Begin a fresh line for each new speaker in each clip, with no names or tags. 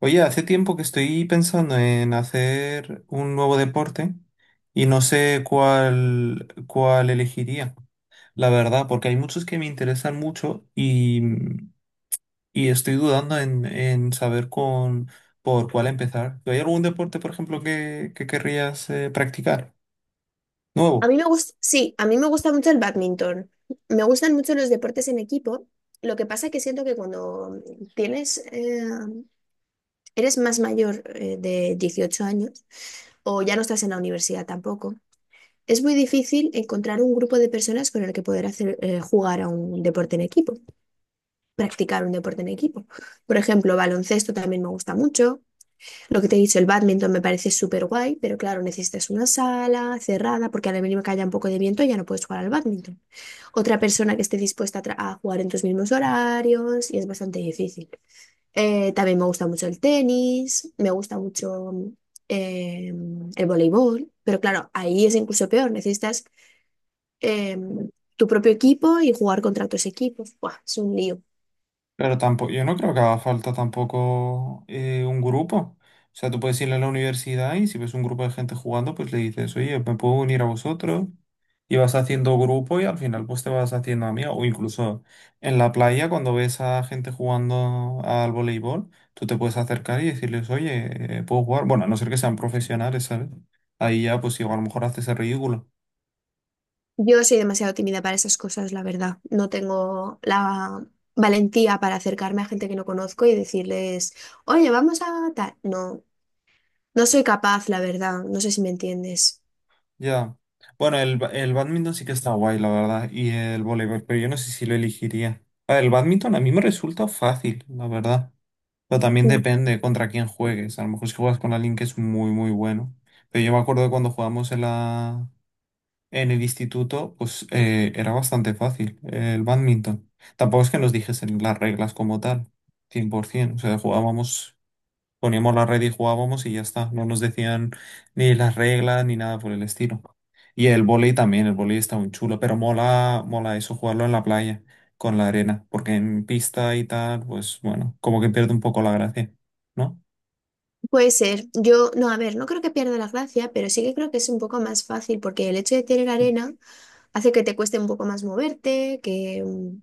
Oye, hace tiempo que estoy pensando en hacer un nuevo deporte y no sé cuál elegiría, la verdad, porque hay muchos que me interesan mucho y estoy dudando en saber con, por cuál empezar. ¿Hay algún deporte, por ejemplo, que querrías practicar?
A
Nuevo,
mí me gusta, sí, a mí me gusta mucho el bádminton. Me gustan mucho los deportes en equipo. Lo que pasa es que siento que cuando tienes, eh, eres más mayor de 18 años o ya no estás en la universidad tampoco, es muy difícil encontrar un grupo de personas con el que poder jugar a un deporte en equipo, practicar un deporte en equipo. Por ejemplo, baloncesto también me gusta mucho. Lo que te he dicho, el bádminton me parece súper guay, pero claro, necesitas una sala cerrada porque a la mínima que haya un poco de viento ya no puedes jugar al bádminton. Otra persona que esté dispuesta a jugar en tus mismos horarios y es bastante difícil. También me gusta mucho el tenis, me gusta mucho el voleibol, pero claro, ahí es incluso peor, necesitas em, tu propio equipo y jugar contra otros equipos. Buah, es un lío.
pero tampoco, yo no creo que haga falta tampoco un grupo. O sea, tú puedes ir a la universidad y si ves un grupo de gente jugando, pues le dices, oye, ¿me puedo unir a vosotros? Y vas haciendo grupo y al final pues te vas haciendo amigo. O incluso en la playa cuando ves a gente jugando al voleibol, tú te puedes acercar y decirles, oye, ¿puedo jugar? Bueno, a no ser que sean profesionales, ¿sabes? Ahí ya pues igual a lo mejor haces el ridículo.
Yo soy demasiado tímida para esas cosas, la verdad. No tengo la valentía para acercarme a gente que no conozco y decirles, oye, vamos a tal. No, no soy capaz, la verdad. No sé si me entiendes.
Ya. Bueno, el bádminton sí que está guay, la verdad, y el voleibol, pero yo no sé si lo elegiría. A ver, el bádminton a mí me resulta fácil, la verdad. Pero también depende contra quién juegues. A lo mejor si juegas con alguien que es muy, muy bueno. Pero yo me acuerdo de cuando en el instituto, pues era bastante fácil el bádminton. Tampoco es que nos dijesen las reglas como tal, 100%. O sea, jugábamos, poníamos la red y jugábamos y ya está. No nos decían ni las reglas ni nada por el estilo. Y el vóley también, el vóley está muy chulo, pero mola, mola eso, jugarlo en la playa, con la arena. Porque en pista y tal, pues bueno, como que pierde un poco la gracia, ¿no?
Puede ser. Yo, no, a ver, no creo que pierda la gracia, pero sí que creo que es un poco más fácil porque el hecho de tener arena hace que te cueste un poco más moverte,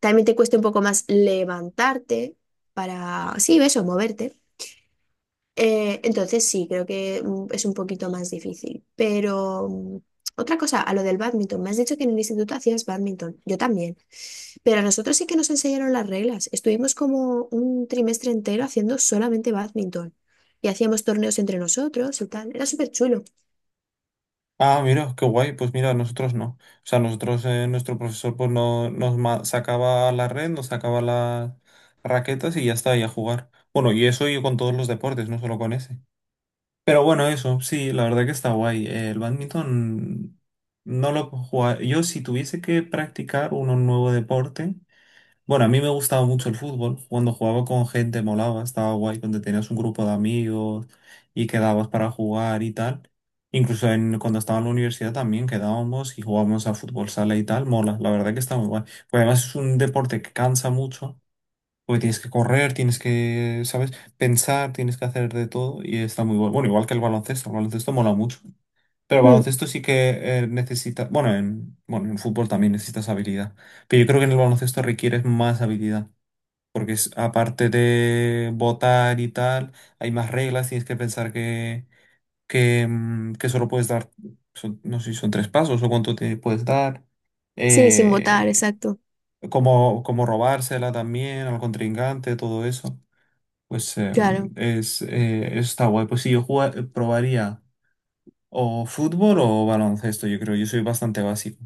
también te cueste un poco más levantarte para, sí, eso, moverte. Entonces sí, creo que es un poquito más difícil. Pero otra cosa, a lo del bádminton, me has dicho que en el instituto hacías bádminton. Yo también. Pero a nosotros sí que nos enseñaron las reglas. Estuvimos como un trimestre entero haciendo solamente bádminton. Y hacíamos torneos entre nosotros y tal. Era súper chulo.
Ah, mira, qué guay. Pues mira, nosotros no. O sea, nosotros, nuestro profesor, pues no, sacaba la red, nos sacaba las raquetas y ya está, y a jugar. Bueno, y eso yo con todos los deportes, no solo con ese. Pero bueno, eso, sí, la verdad que está guay. El badminton no lo puedo jugar. Yo, si tuviese que practicar un nuevo deporte. Bueno, a mí me gustaba mucho el fútbol. Cuando jugaba con gente molaba, estaba guay, donde tenías un grupo de amigos y quedabas para jugar y tal. Incluso cuando estaba en la universidad también quedábamos y jugábamos a fútbol sala y tal. Mola, la verdad que está muy guay. Pues además es un deporte que cansa mucho, porque tienes que correr, tienes que, ¿sabes? Pensar, tienes que hacer de todo y está muy bueno. Bueno, igual que el baloncesto mola mucho. Pero el
Mm,
baloncesto sí que necesita, bueno, en fútbol también necesitas habilidad. Pero yo creo que en el baloncesto requieres más habilidad porque aparte de votar y tal, hay más reglas, tienes que pensar que solo puedes dar, no sé si son tres pasos o cuánto te puedes dar,
sí, sin votar,
eh,
exacto.
cómo, cómo robársela también al contrincante, todo eso. Pues
Claro.
está guay. Pues sí, probaría o fútbol o baloncesto, yo creo, yo soy bastante básico.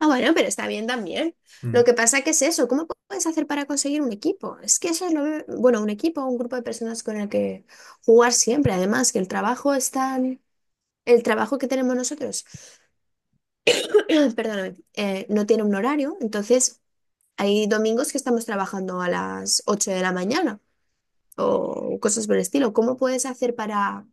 Ah, bueno, pero está bien también. Lo
Mm.
que pasa que es eso. ¿Cómo puedes hacer para conseguir un equipo? Es que eso es bueno, un equipo, un grupo de personas con el que jugar siempre. Además, que el trabajo es tan... El trabajo que tenemos nosotros, perdóname, no tiene un horario, entonces. Hay domingos que estamos trabajando a las 8 de la mañana o cosas por el estilo. ¿Cómo puedes hacer para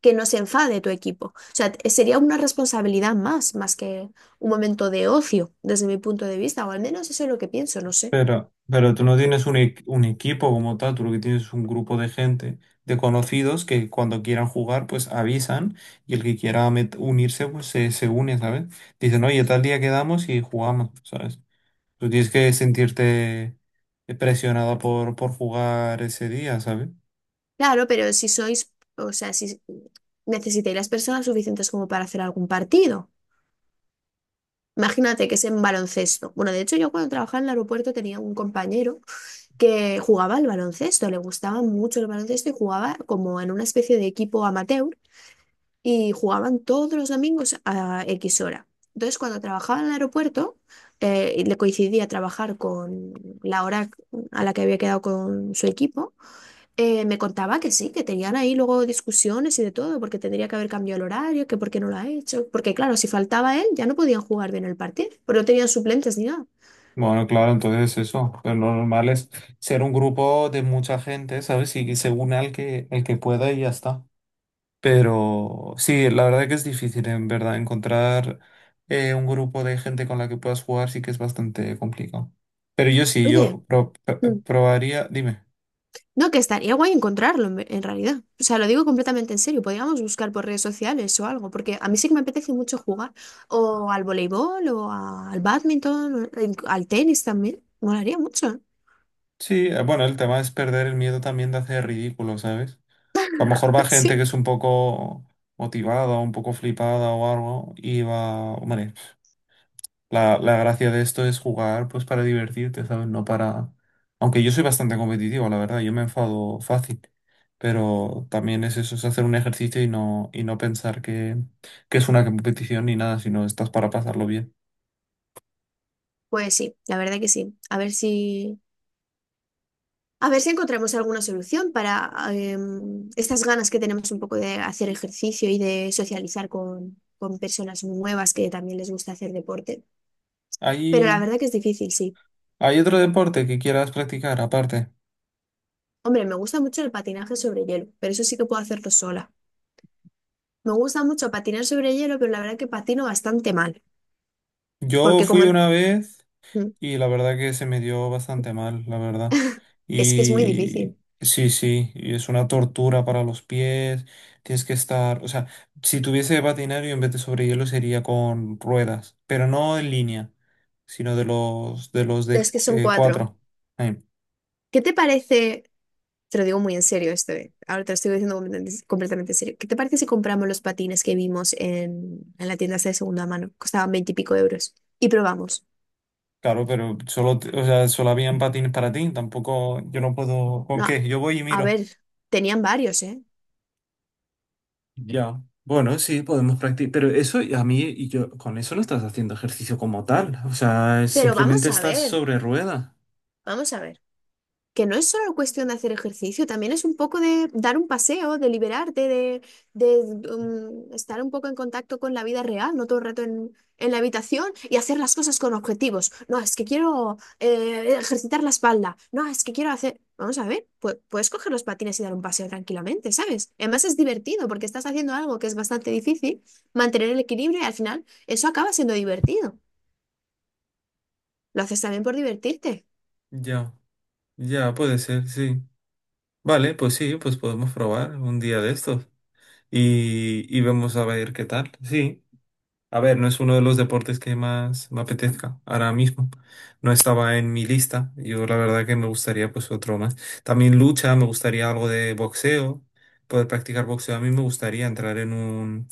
que no se enfade tu equipo? O sea, sería una responsabilidad más, más que un momento de ocio, desde mi punto de vista, o al menos eso es lo que pienso, no sé.
Pero tú no tienes un, un equipo como tal, tú lo que tienes es un grupo de gente, de conocidos, que cuando quieran jugar, pues avisan y el que quiera unirse, pues se une, ¿sabes? Dicen, oye, tal día quedamos y jugamos, ¿sabes? Tú tienes que sentirte presionada por jugar ese día, ¿sabes?
Claro, pero si sois, o sea, si necesitáis las personas suficientes como para hacer algún partido. Imagínate que es en baloncesto. Bueno, de hecho, yo cuando trabajaba en el aeropuerto tenía un compañero que jugaba al baloncesto, le gustaba mucho el baloncesto y jugaba como en una especie de equipo amateur, y jugaban todos los domingos a X hora. Entonces, cuando trabajaba en el aeropuerto, le coincidía trabajar con la hora a la que había quedado con su equipo. Me contaba que sí, que tenían ahí luego discusiones y de todo, porque tendría que haber cambiado el horario, que por qué no lo ha hecho, porque claro, si faltaba él, ya no podían jugar bien el partido, porque no tenían suplentes ni nada.
Bueno, claro, entonces eso, pero lo normal es ser un grupo de mucha gente, ¿sabes? Y que se une al que, el que pueda y ya está. Pero sí, la verdad que es difícil, en verdad, encontrar un grupo de gente con la que puedas jugar sí que es bastante complicado. Pero yo sí,
Oye.
yo pro-
Mm,
pr- probaría, dime.
no, que estaría guay encontrarlo en realidad. O sea, lo digo completamente en serio. Podríamos buscar por redes sociales o algo, porque a mí sí que me apetece mucho jugar o al voleibol o al badminton, o al tenis también. Molaría mucho, ¿eh?
Sí, bueno, el tema es perder el miedo también de hacer ridículo, ¿sabes? A lo mejor va gente
Sí.
que es un poco motivada, un poco flipada o algo, y va, hombre. La gracia de esto es jugar pues para divertirte, ¿sabes? No para... Aunque yo soy bastante competitivo, la verdad, yo me enfado fácil, pero también es eso, es hacer un ejercicio y no pensar que es una competición ni nada, sino estás para pasarlo bien.
Pues sí, la verdad que sí. A ver si encontramos alguna solución para estas ganas que tenemos un poco de hacer ejercicio y de socializar con personas nuevas que también les gusta hacer deporte. Pero la
¿Hay,
verdad que es difícil, sí.
hay otro deporte que quieras practicar aparte?
Hombre, me gusta mucho el patinaje sobre hielo, pero eso sí que puedo hacerlo sola. Me gusta mucho patinar sobre hielo, pero la verdad que patino bastante mal,
Yo
porque
fui
como
una vez...
mm,
Y la verdad que se me dio bastante mal, la verdad.
es que es muy
Y
difícil.
sí, sí, y es una tortura para los pies. Tienes que estar, o sea, si tuviese patinario en vez de sobre hielo sería con ruedas, pero no en línea, sino de los de los de
Es que son
eh,
cuatro.
cuatro. Eh,
¿Qué te parece? Te lo digo muy en serio esto, ahora te lo estoy diciendo completamente, completamente en serio. ¿Qué te parece si compramos los patines que vimos en la tienda esta de segunda mano? Costaban veinte y pico euros. Y probamos.
claro, pero solo, o sea, solo habían patines para ti, tampoco yo no puedo, ¿con
No,
qué? Yo voy y
a
miro.
ver, tenían varios, ¿eh?
Ya, bueno, sí, podemos practicar, pero eso y a mí y yo con eso no estás haciendo ejercicio como tal, o sea,
Pero
simplemente
vamos a
estás
ver,
sobre rueda.
vamos a ver, que no es solo cuestión de hacer ejercicio, también es un poco de dar un paseo, de liberarte, de, estar un poco en contacto con la vida real, no todo el rato en la habitación, y hacer las cosas con objetivos. No, es que quiero ejercitar la espalda. No, es que quiero hacer. Vamos a ver, puedes coger los patines y dar un paseo tranquilamente, ¿sabes? Además es divertido porque estás haciendo algo que es bastante difícil, mantener el equilibrio y al final eso acaba siendo divertido. Lo haces también por divertirte.
Ya, ya, puede ser, sí. Vale, pues sí, pues podemos probar un día de estos y vemos a ver qué tal. Sí, a ver, no es uno de los deportes que más me apetezca ahora mismo. No estaba en mi lista, yo la verdad que me gustaría pues otro más. También lucha, me gustaría algo de boxeo, poder practicar boxeo. A mí me gustaría entrar en un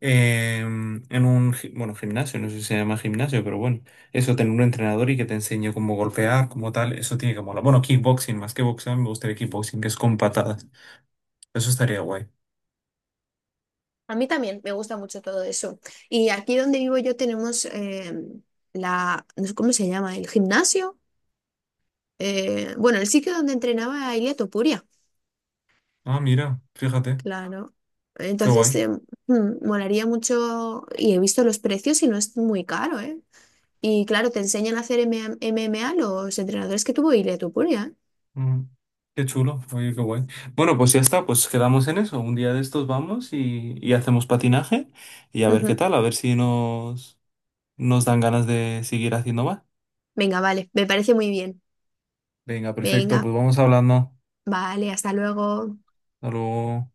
en un, bueno, gimnasio, no sé si se llama gimnasio, pero bueno, eso tener un entrenador y que te enseñe cómo golpear, como tal, eso tiene que molar. Bueno, kickboxing, más que boxeo, me gustaría kickboxing, que es con patadas. Eso estaría guay.
A mí también me gusta mucho todo eso. Y aquí donde vivo yo tenemos la, no sé cómo se llama, el gimnasio. Bueno, el sitio donde entrenaba Ilia Topuria,
Ah, mira, fíjate,
claro.
qué
Entonces,
guay.
molaría mucho y he visto los precios y no es muy caro, ¿eh? Y claro, te enseñan a hacer MMA los entrenadores que tuvo Ilia Topuria,
Mm, qué chulo, oye, qué guay. Bueno, pues ya está, pues quedamos en eso. Un día de estos vamos y hacemos patinaje y a
¿eh?
ver qué
Ujú.
tal, a ver si nos, nos dan ganas de seguir haciendo más.
Venga, vale, me parece muy bien.
Venga, perfecto,
Venga,
pues vamos hablando.
vale, hasta luego.
Hasta luego.